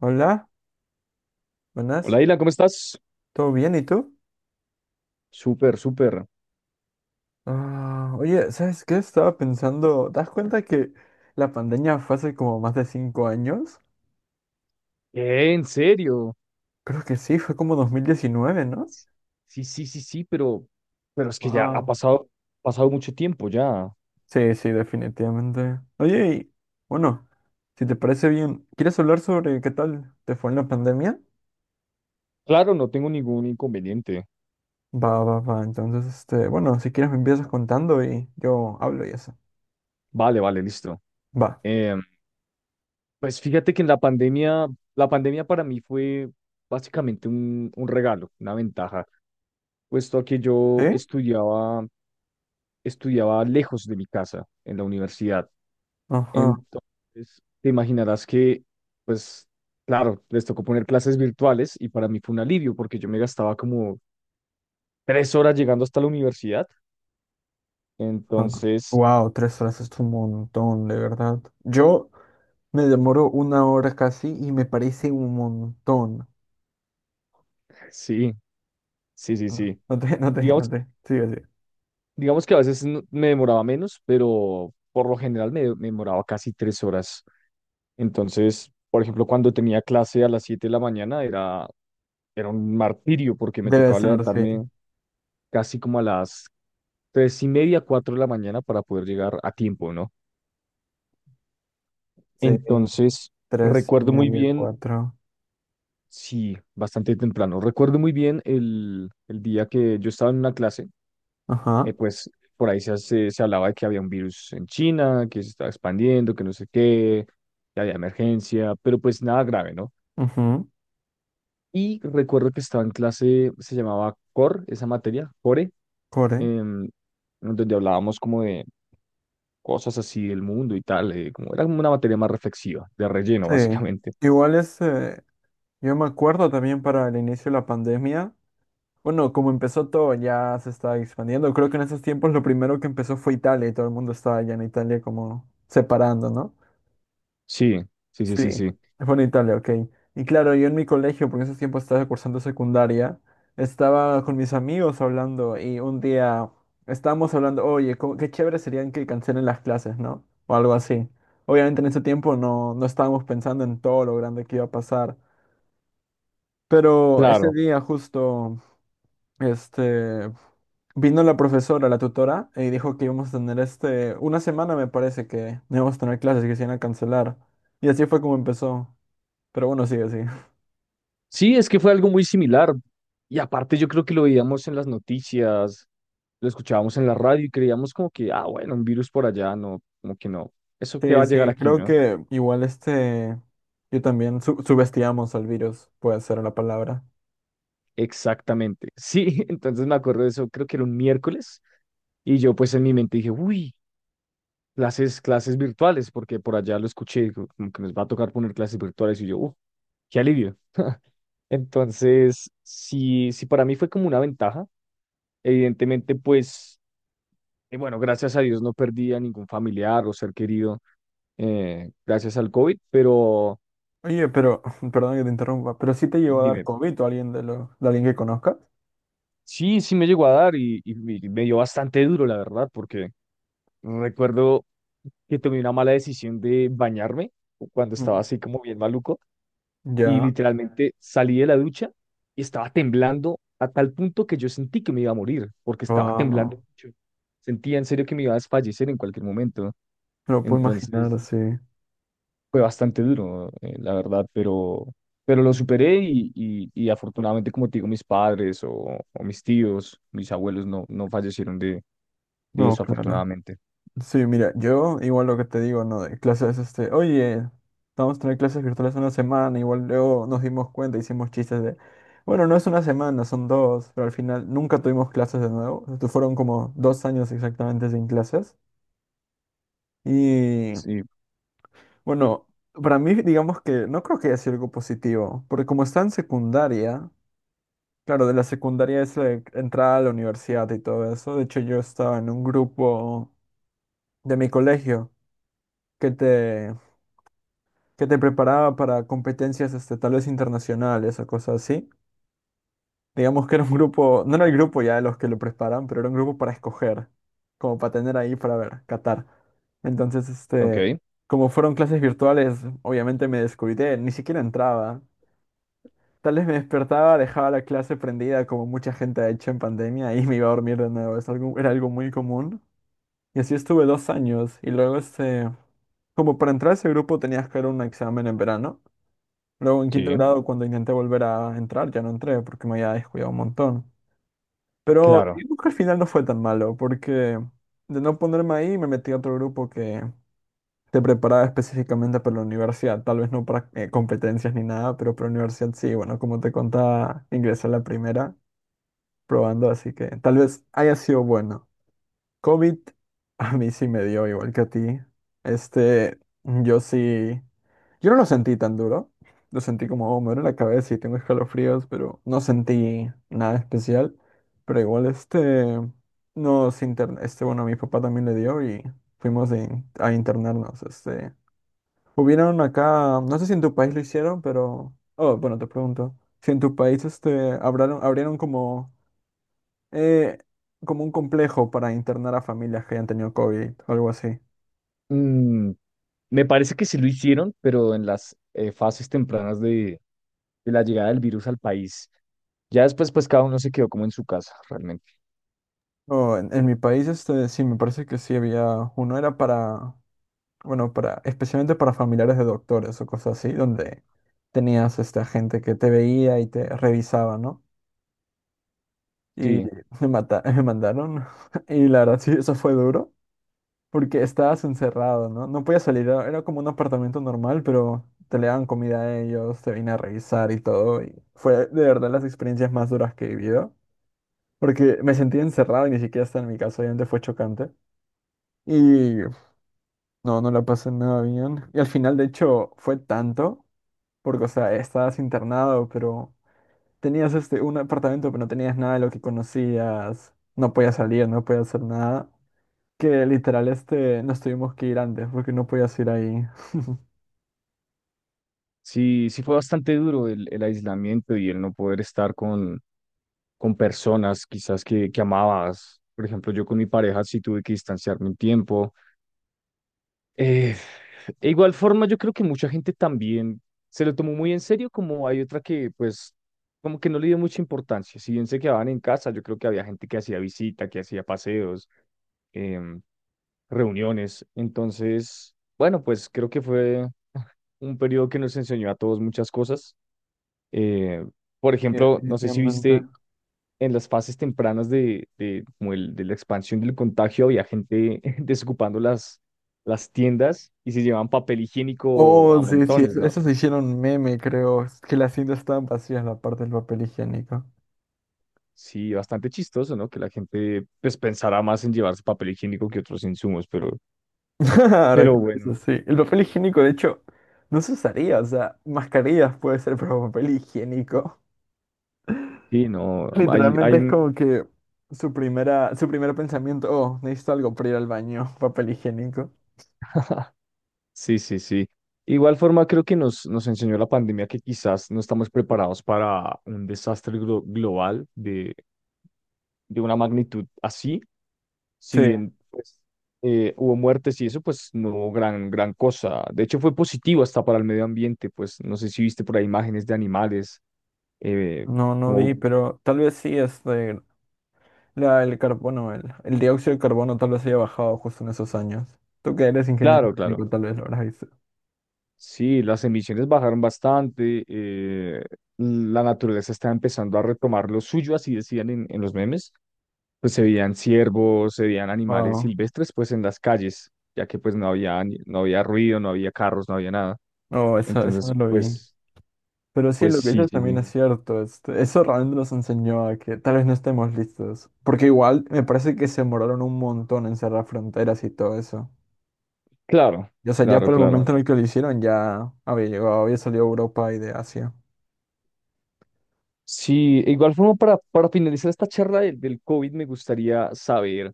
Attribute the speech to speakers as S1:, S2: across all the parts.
S1: Hola, buenas,
S2: Hola, Ila, ¿cómo estás?
S1: ¿todo bien? ¿Y tú?
S2: Súper, súper.
S1: Ah, oye, ¿sabes qué? Estaba pensando, ¿te das cuenta que la pandemia fue hace como más de cinco años?
S2: ¿En serio?
S1: Creo que sí, fue como 2019, ¿no?
S2: Sí, sí, sí, sí, pero es que ya ha
S1: Wow.
S2: pasado, pasado mucho tiempo ya.
S1: Sí, sí, definitivamente. Oye, y bueno, si te parece bien, ¿quieres hablar sobre qué tal te fue en la pandemia?
S2: Claro, no tengo ningún inconveniente.
S1: Va, va, va. Entonces, bueno, si quieres me empiezas contando y yo hablo y eso.
S2: Vale, vale, listo.
S1: Va.
S2: Em, pues fíjate que en la pandemia para mí fue básicamente un regalo, una ventaja, puesto a que yo
S1: ¿Eh?
S2: estudiaba, estudiaba lejos de mi casa, en la universidad.
S1: Ajá,
S2: Entonces, te imaginarás que, pues, claro, les tocó poner clases virtuales y para mí fue un alivio porque yo me gastaba como 3 horas llegando hasta la universidad.
S1: ajá.
S2: Entonces,
S1: Wow, tres horas es un montón, de verdad. Yo me demoro una hora casi y me parece un montón.
S2: sí, sí, sí,
S1: Ah,
S2: sí.
S1: No te, no te, no
S2: Digamos,
S1: te. Sigue, sigue.
S2: digamos que a veces me demoraba menos, pero por lo general me demoraba casi 3 horas. Entonces, por ejemplo, cuando tenía clase a las 7 de la mañana era, era un martirio porque me
S1: Debe
S2: tocaba
S1: ser, sí.
S2: levantarme casi como a las 3:30, 4 de la mañana para poder llegar a tiempo, ¿no?
S1: Sí.
S2: Entonces,
S1: Tres y
S2: recuerdo muy
S1: media,
S2: bien,
S1: cuatro.
S2: sí, bastante temprano, recuerdo muy bien el día que yo estaba en una clase,
S1: Ajá,
S2: pues por ahí se hablaba de que había un virus en China, que se estaba expandiendo, que no sé qué, que había emergencia, pero pues nada grave, ¿no?
S1: ujú.
S2: Y recuerdo que estaba en clase, se llamaba Core, esa materia, Core,
S1: Core.
S2: em, donde hablábamos como de cosas así del mundo y tal, como era como una materia más reflexiva, de relleno,
S1: Sí.
S2: básicamente.
S1: Igual es. Yo me acuerdo también para el inicio de la pandemia. Bueno, como empezó todo, ya se estaba expandiendo. Creo que en esos tiempos lo primero que empezó fue Italia y todo el mundo estaba allá en Italia como separando, ¿no?
S2: Sí, sí, sí, sí,
S1: Sí,
S2: sí.
S1: fue en Italia, ok. Y claro, yo en mi colegio, porque en ese tiempo estaba cursando secundaria, estaba con mis amigos hablando y un día estábamos hablando, oye, qué chévere serían que cancelen las clases, ¿no? O algo así. Obviamente en ese tiempo no estábamos pensando en todo lo grande que iba a pasar, pero ese
S2: Claro.
S1: día justo, este, vino la profesora, la tutora, y dijo que íbamos a tener este, una semana me parece que no íbamos a tener clases que se iban a cancelar. Y así fue como empezó. Pero bueno, sigue así.
S2: Sí, es que fue algo muy similar. Y aparte yo creo que lo veíamos en las noticias, lo escuchábamos en la radio y creíamos como que, ah, bueno, un virus por allá, no, como que no. Eso que va
S1: Sí,
S2: a llegar
S1: sí,
S2: aquí,
S1: creo
S2: ¿no?
S1: que igual este, yo también subestimamos al virus, puede ser la palabra.
S2: Exactamente. Sí, entonces me acuerdo de eso, creo que era un miércoles. Y yo pues en mi mente dije, uy, clases, clases virtuales, porque por allá lo escuché, digo, como que nos va a tocar poner clases virtuales. Y yo, qué alivio. Entonces, sí, sí, para mí fue como una ventaja. Evidentemente, pues... Y bueno, gracias a Dios no perdí a ningún familiar o ser querido gracias al COVID, pero
S1: Oye, pero, perdón que te interrumpa, pero sí te llegó a dar
S2: dime,
S1: COVID o alguien de alguien que conozcas.
S2: sí, sí me llegó a dar y me dio bastante duro, la verdad, porque recuerdo que tomé una mala decisión de bañarme cuando estaba
S1: Ujú.
S2: así como bien maluco y
S1: Ya,
S2: literalmente salí de la ducha y estaba temblando a tal punto que yo sentí que me iba a morir porque estaba temblando
S1: wow,
S2: mucho. Sentía en serio que me iba a desfallecer en cualquier momento.
S1: lo puedo imaginar,
S2: Entonces,
S1: sí.
S2: fue bastante duro, la verdad, pero lo superé y afortunadamente, como te digo, mis padres o mis tíos, mis abuelos no, no fallecieron de
S1: No,
S2: eso,
S1: claro.
S2: afortunadamente.
S1: Sí, mira, yo igual lo que te digo, ¿no? De clases, este, oye, vamos a tener clases virtuales una semana, igual luego nos dimos cuenta, hicimos chistes de, bueno, no es una semana, son dos, pero al final nunca tuvimos clases de nuevo, esto fueron como dos años exactamente sin clases. Y
S2: Sí,
S1: bueno, para mí, digamos que no creo que haya sido algo positivo, porque como está en secundaria, claro, de la secundaria es la entrada a la universidad y todo eso, de hecho yo estaba en un grupo de mi colegio que te que te preparaba para competencias este, tal vez internacionales o cosas así. Digamos que era un grupo, no era el grupo ya de los que lo preparan, pero era un grupo para escoger, como para tener ahí para ver, catar. Entonces,
S2: ok,
S1: este, como fueron clases virtuales, obviamente me descuidé, ni siquiera entraba. Tal vez me despertaba, dejaba la clase prendida como mucha gente ha hecho en pandemia y me iba a dormir de nuevo. Era algo muy común. Y así estuve dos años y luego, este, como para entrar a ese grupo tenías que dar un examen en verano. Luego en quinto
S2: sí,
S1: grado, cuando intenté volver a entrar, ya no entré porque me había descuidado un montón. Pero
S2: claro.
S1: digamos que al final no fue tan malo, porque de no ponerme ahí me metí a otro grupo que te preparaba específicamente para la universidad. Tal vez no para competencias ni nada, pero para la universidad sí. Bueno, como te contaba, ingresé a la primera probando, así que tal vez haya sido bueno. COVID a mí sí me dio igual que a ti. Este, yo sí, yo no lo sentí tan duro. Lo sentí como, oh, me duele la cabeza y tengo escalofríos, pero no sentí nada especial. Pero igual este, bueno, a mi papá también le dio y fuimos a internarnos. Este, hubieron acá, no sé si en tu país lo hicieron, pero, oh, bueno, te pregunto, si en tu país este, abrieron como eh, como un complejo para internar a familias que hayan tenido COVID o algo así.
S2: Mm, me parece que sí lo hicieron, pero en las fases tempranas de la llegada del virus al país. Ya después, pues cada uno se quedó como en su casa, realmente.
S1: No, en mi país este, sí, me parece que sí había uno, era para, bueno, para, especialmente para familiares de doctores o cosas así, donde tenías esta gente que te veía y te revisaba, ¿no? Y
S2: Sí,
S1: me mandaron, y la verdad sí, eso fue duro. Porque estabas encerrado, ¿no? No podías salir, era como un apartamento normal, pero te le daban comida a ellos, te venían a revisar y todo. Y fue de verdad las experiencias más duras que he vivido, porque me sentí encerrado y ni siquiera estaba en mi casa, obviamente fue chocante. Y no, no la pasé nada bien. Y al final, de hecho, fue tanto, porque, o sea, estabas internado, pero tenías este, un apartamento, pero no tenías nada de lo que conocías, no podías salir, no podías hacer nada que literal este nos tuvimos que ir antes porque no podías ir ahí.
S2: sí, sí fue bastante duro el aislamiento y el no poder estar con personas quizás que amabas. Por ejemplo, yo con mi pareja sí tuve que distanciarme un tiempo. Eh, de igual forma, yo creo que mucha gente también se lo tomó muy en serio, como hay otra que pues como que no le dio mucha importancia. Si bien se quedaban en casa, yo creo que había gente que hacía visita, que hacía paseos, em, reuniones. Entonces, bueno, pues creo que fue un periodo que nos enseñó a todos muchas cosas. Eh, por
S1: Sí,
S2: ejemplo, no sé si
S1: definitivamente.
S2: viste en las fases tempranas de, de la expansión del contagio, había gente desocupando las tiendas y se llevaban papel higiénico
S1: Oh,
S2: a
S1: sí, sí,
S2: montones, ¿no?
S1: esos se hicieron meme, creo. Es que las cintas estaban vacías, la parte del papel higiénico.
S2: Sí, bastante chistoso, ¿no? Que la gente pues pensará más en llevarse papel higiénico que otros insumos,
S1: Ahora que
S2: pero
S1: lo pienso,
S2: bueno,
S1: sí. El papel higiénico, de hecho, no se usaría, o sea, mascarillas puede ser, pero papel higiénico.
S2: sí, no, hay,
S1: Literalmente
S2: hay
S1: es
S2: un,
S1: como que su primer pensamiento, oh, necesito algo para ir al baño, papel higiénico.
S2: sí, sí, sí. Igual forma creo que nos, nos enseñó la pandemia que quizás no estamos preparados para un desastre global de una magnitud así. Si
S1: Sí,
S2: bien pues, hubo muertes y eso, pues no hubo gran, gran cosa. De hecho, fue positivo hasta para el medio ambiente, pues no sé si viste por ahí imágenes de animales, eh,
S1: no, no vi,
S2: como,
S1: pero tal vez sí, este, el carbono, el dióxido de carbono tal vez haya bajado justo en esos años. Tú que eres ingeniero
S2: claro, claro.
S1: químico tal vez lo habrás visto.
S2: Sí, las emisiones bajaron bastante, la naturaleza está empezando a retomar lo suyo, así decían en los memes, pues se veían ciervos, se veían animales
S1: Wow.
S2: silvestres, pues en las calles, ya que pues no había, no había ruido, no había carros, no había nada.
S1: No, eso
S2: Entonces,
S1: no lo vi.
S2: pues,
S1: Pero sí,
S2: pues
S1: lo que
S2: sí,
S1: dices
S2: sí,
S1: también
S2: sí.
S1: es cierto. Este, eso realmente nos enseñó a que tal vez no estemos listos. Porque igual me parece que se demoraron un montón en cerrar fronteras y todo eso.
S2: Claro,
S1: Y, o sea, ya
S2: claro,
S1: por el claro,
S2: claro.
S1: momento en el que lo hicieron ya había llegado, había salido de Europa y de Asia.
S2: Sí, e igual forma para finalizar esta charla del, del COVID me gustaría saber,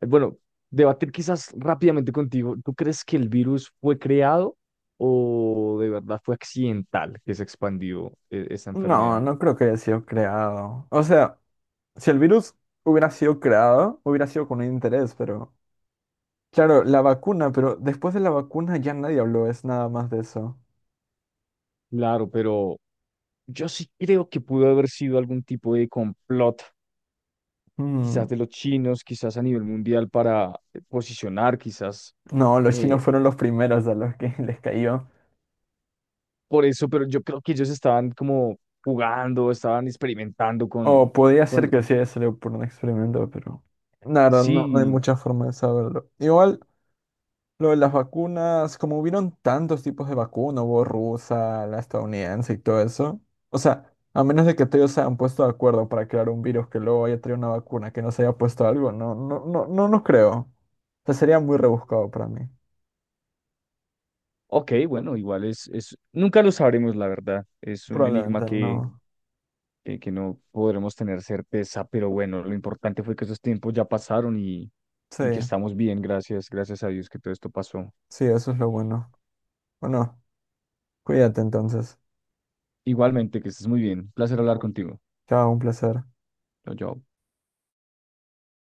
S2: bueno, debatir quizás rápidamente contigo, ¿tú crees que el virus fue creado o de verdad fue accidental que se expandió esa
S1: No,
S2: enfermedad?
S1: no creo que haya sido creado. O sea, si el virus hubiera sido creado, hubiera sido con un interés, pero... Claro, la vacuna, pero después de la vacuna ya nadie habló, es nada más de eso.
S2: Claro, pero yo sí creo que pudo haber sido algún tipo de complot,
S1: Mm.
S2: quizás de los chinos, quizás a nivel mundial para posicionar quizás
S1: No, los chinos
S2: eh,
S1: fueron los primeros a los que les cayó.
S2: por eso, pero yo creo que ellos estaban como jugando, estaban experimentando
S1: O podía ser
S2: con,
S1: que sí haya sido por un experimento, pero la verdad no, no hay
S2: sí,
S1: mucha forma de saberlo. Igual, lo de las vacunas, como hubieron tantos tipos de vacuna, hubo rusa, la estadounidense y todo eso. O sea, a menos de que todos se hayan puesto de acuerdo para crear un virus que luego haya traído una vacuna que no se haya puesto algo, no, no, no, no, no creo. O sea, sería muy rebuscado para mí.
S2: ok, bueno, igual es, nunca lo sabremos, la verdad, es un enigma
S1: Probablemente no.
S2: que no podremos tener certeza, pero bueno, lo importante fue que esos tiempos ya pasaron
S1: Sí,
S2: y que estamos bien, gracias, gracias a Dios que todo esto pasó.
S1: sí, eso es lo bueno. Bueno, cuídate entonces.
S2: Igualmente, que estés muy bien, placer hablar contigo.
S1: Chao, un placer.
S2: Chao, chao.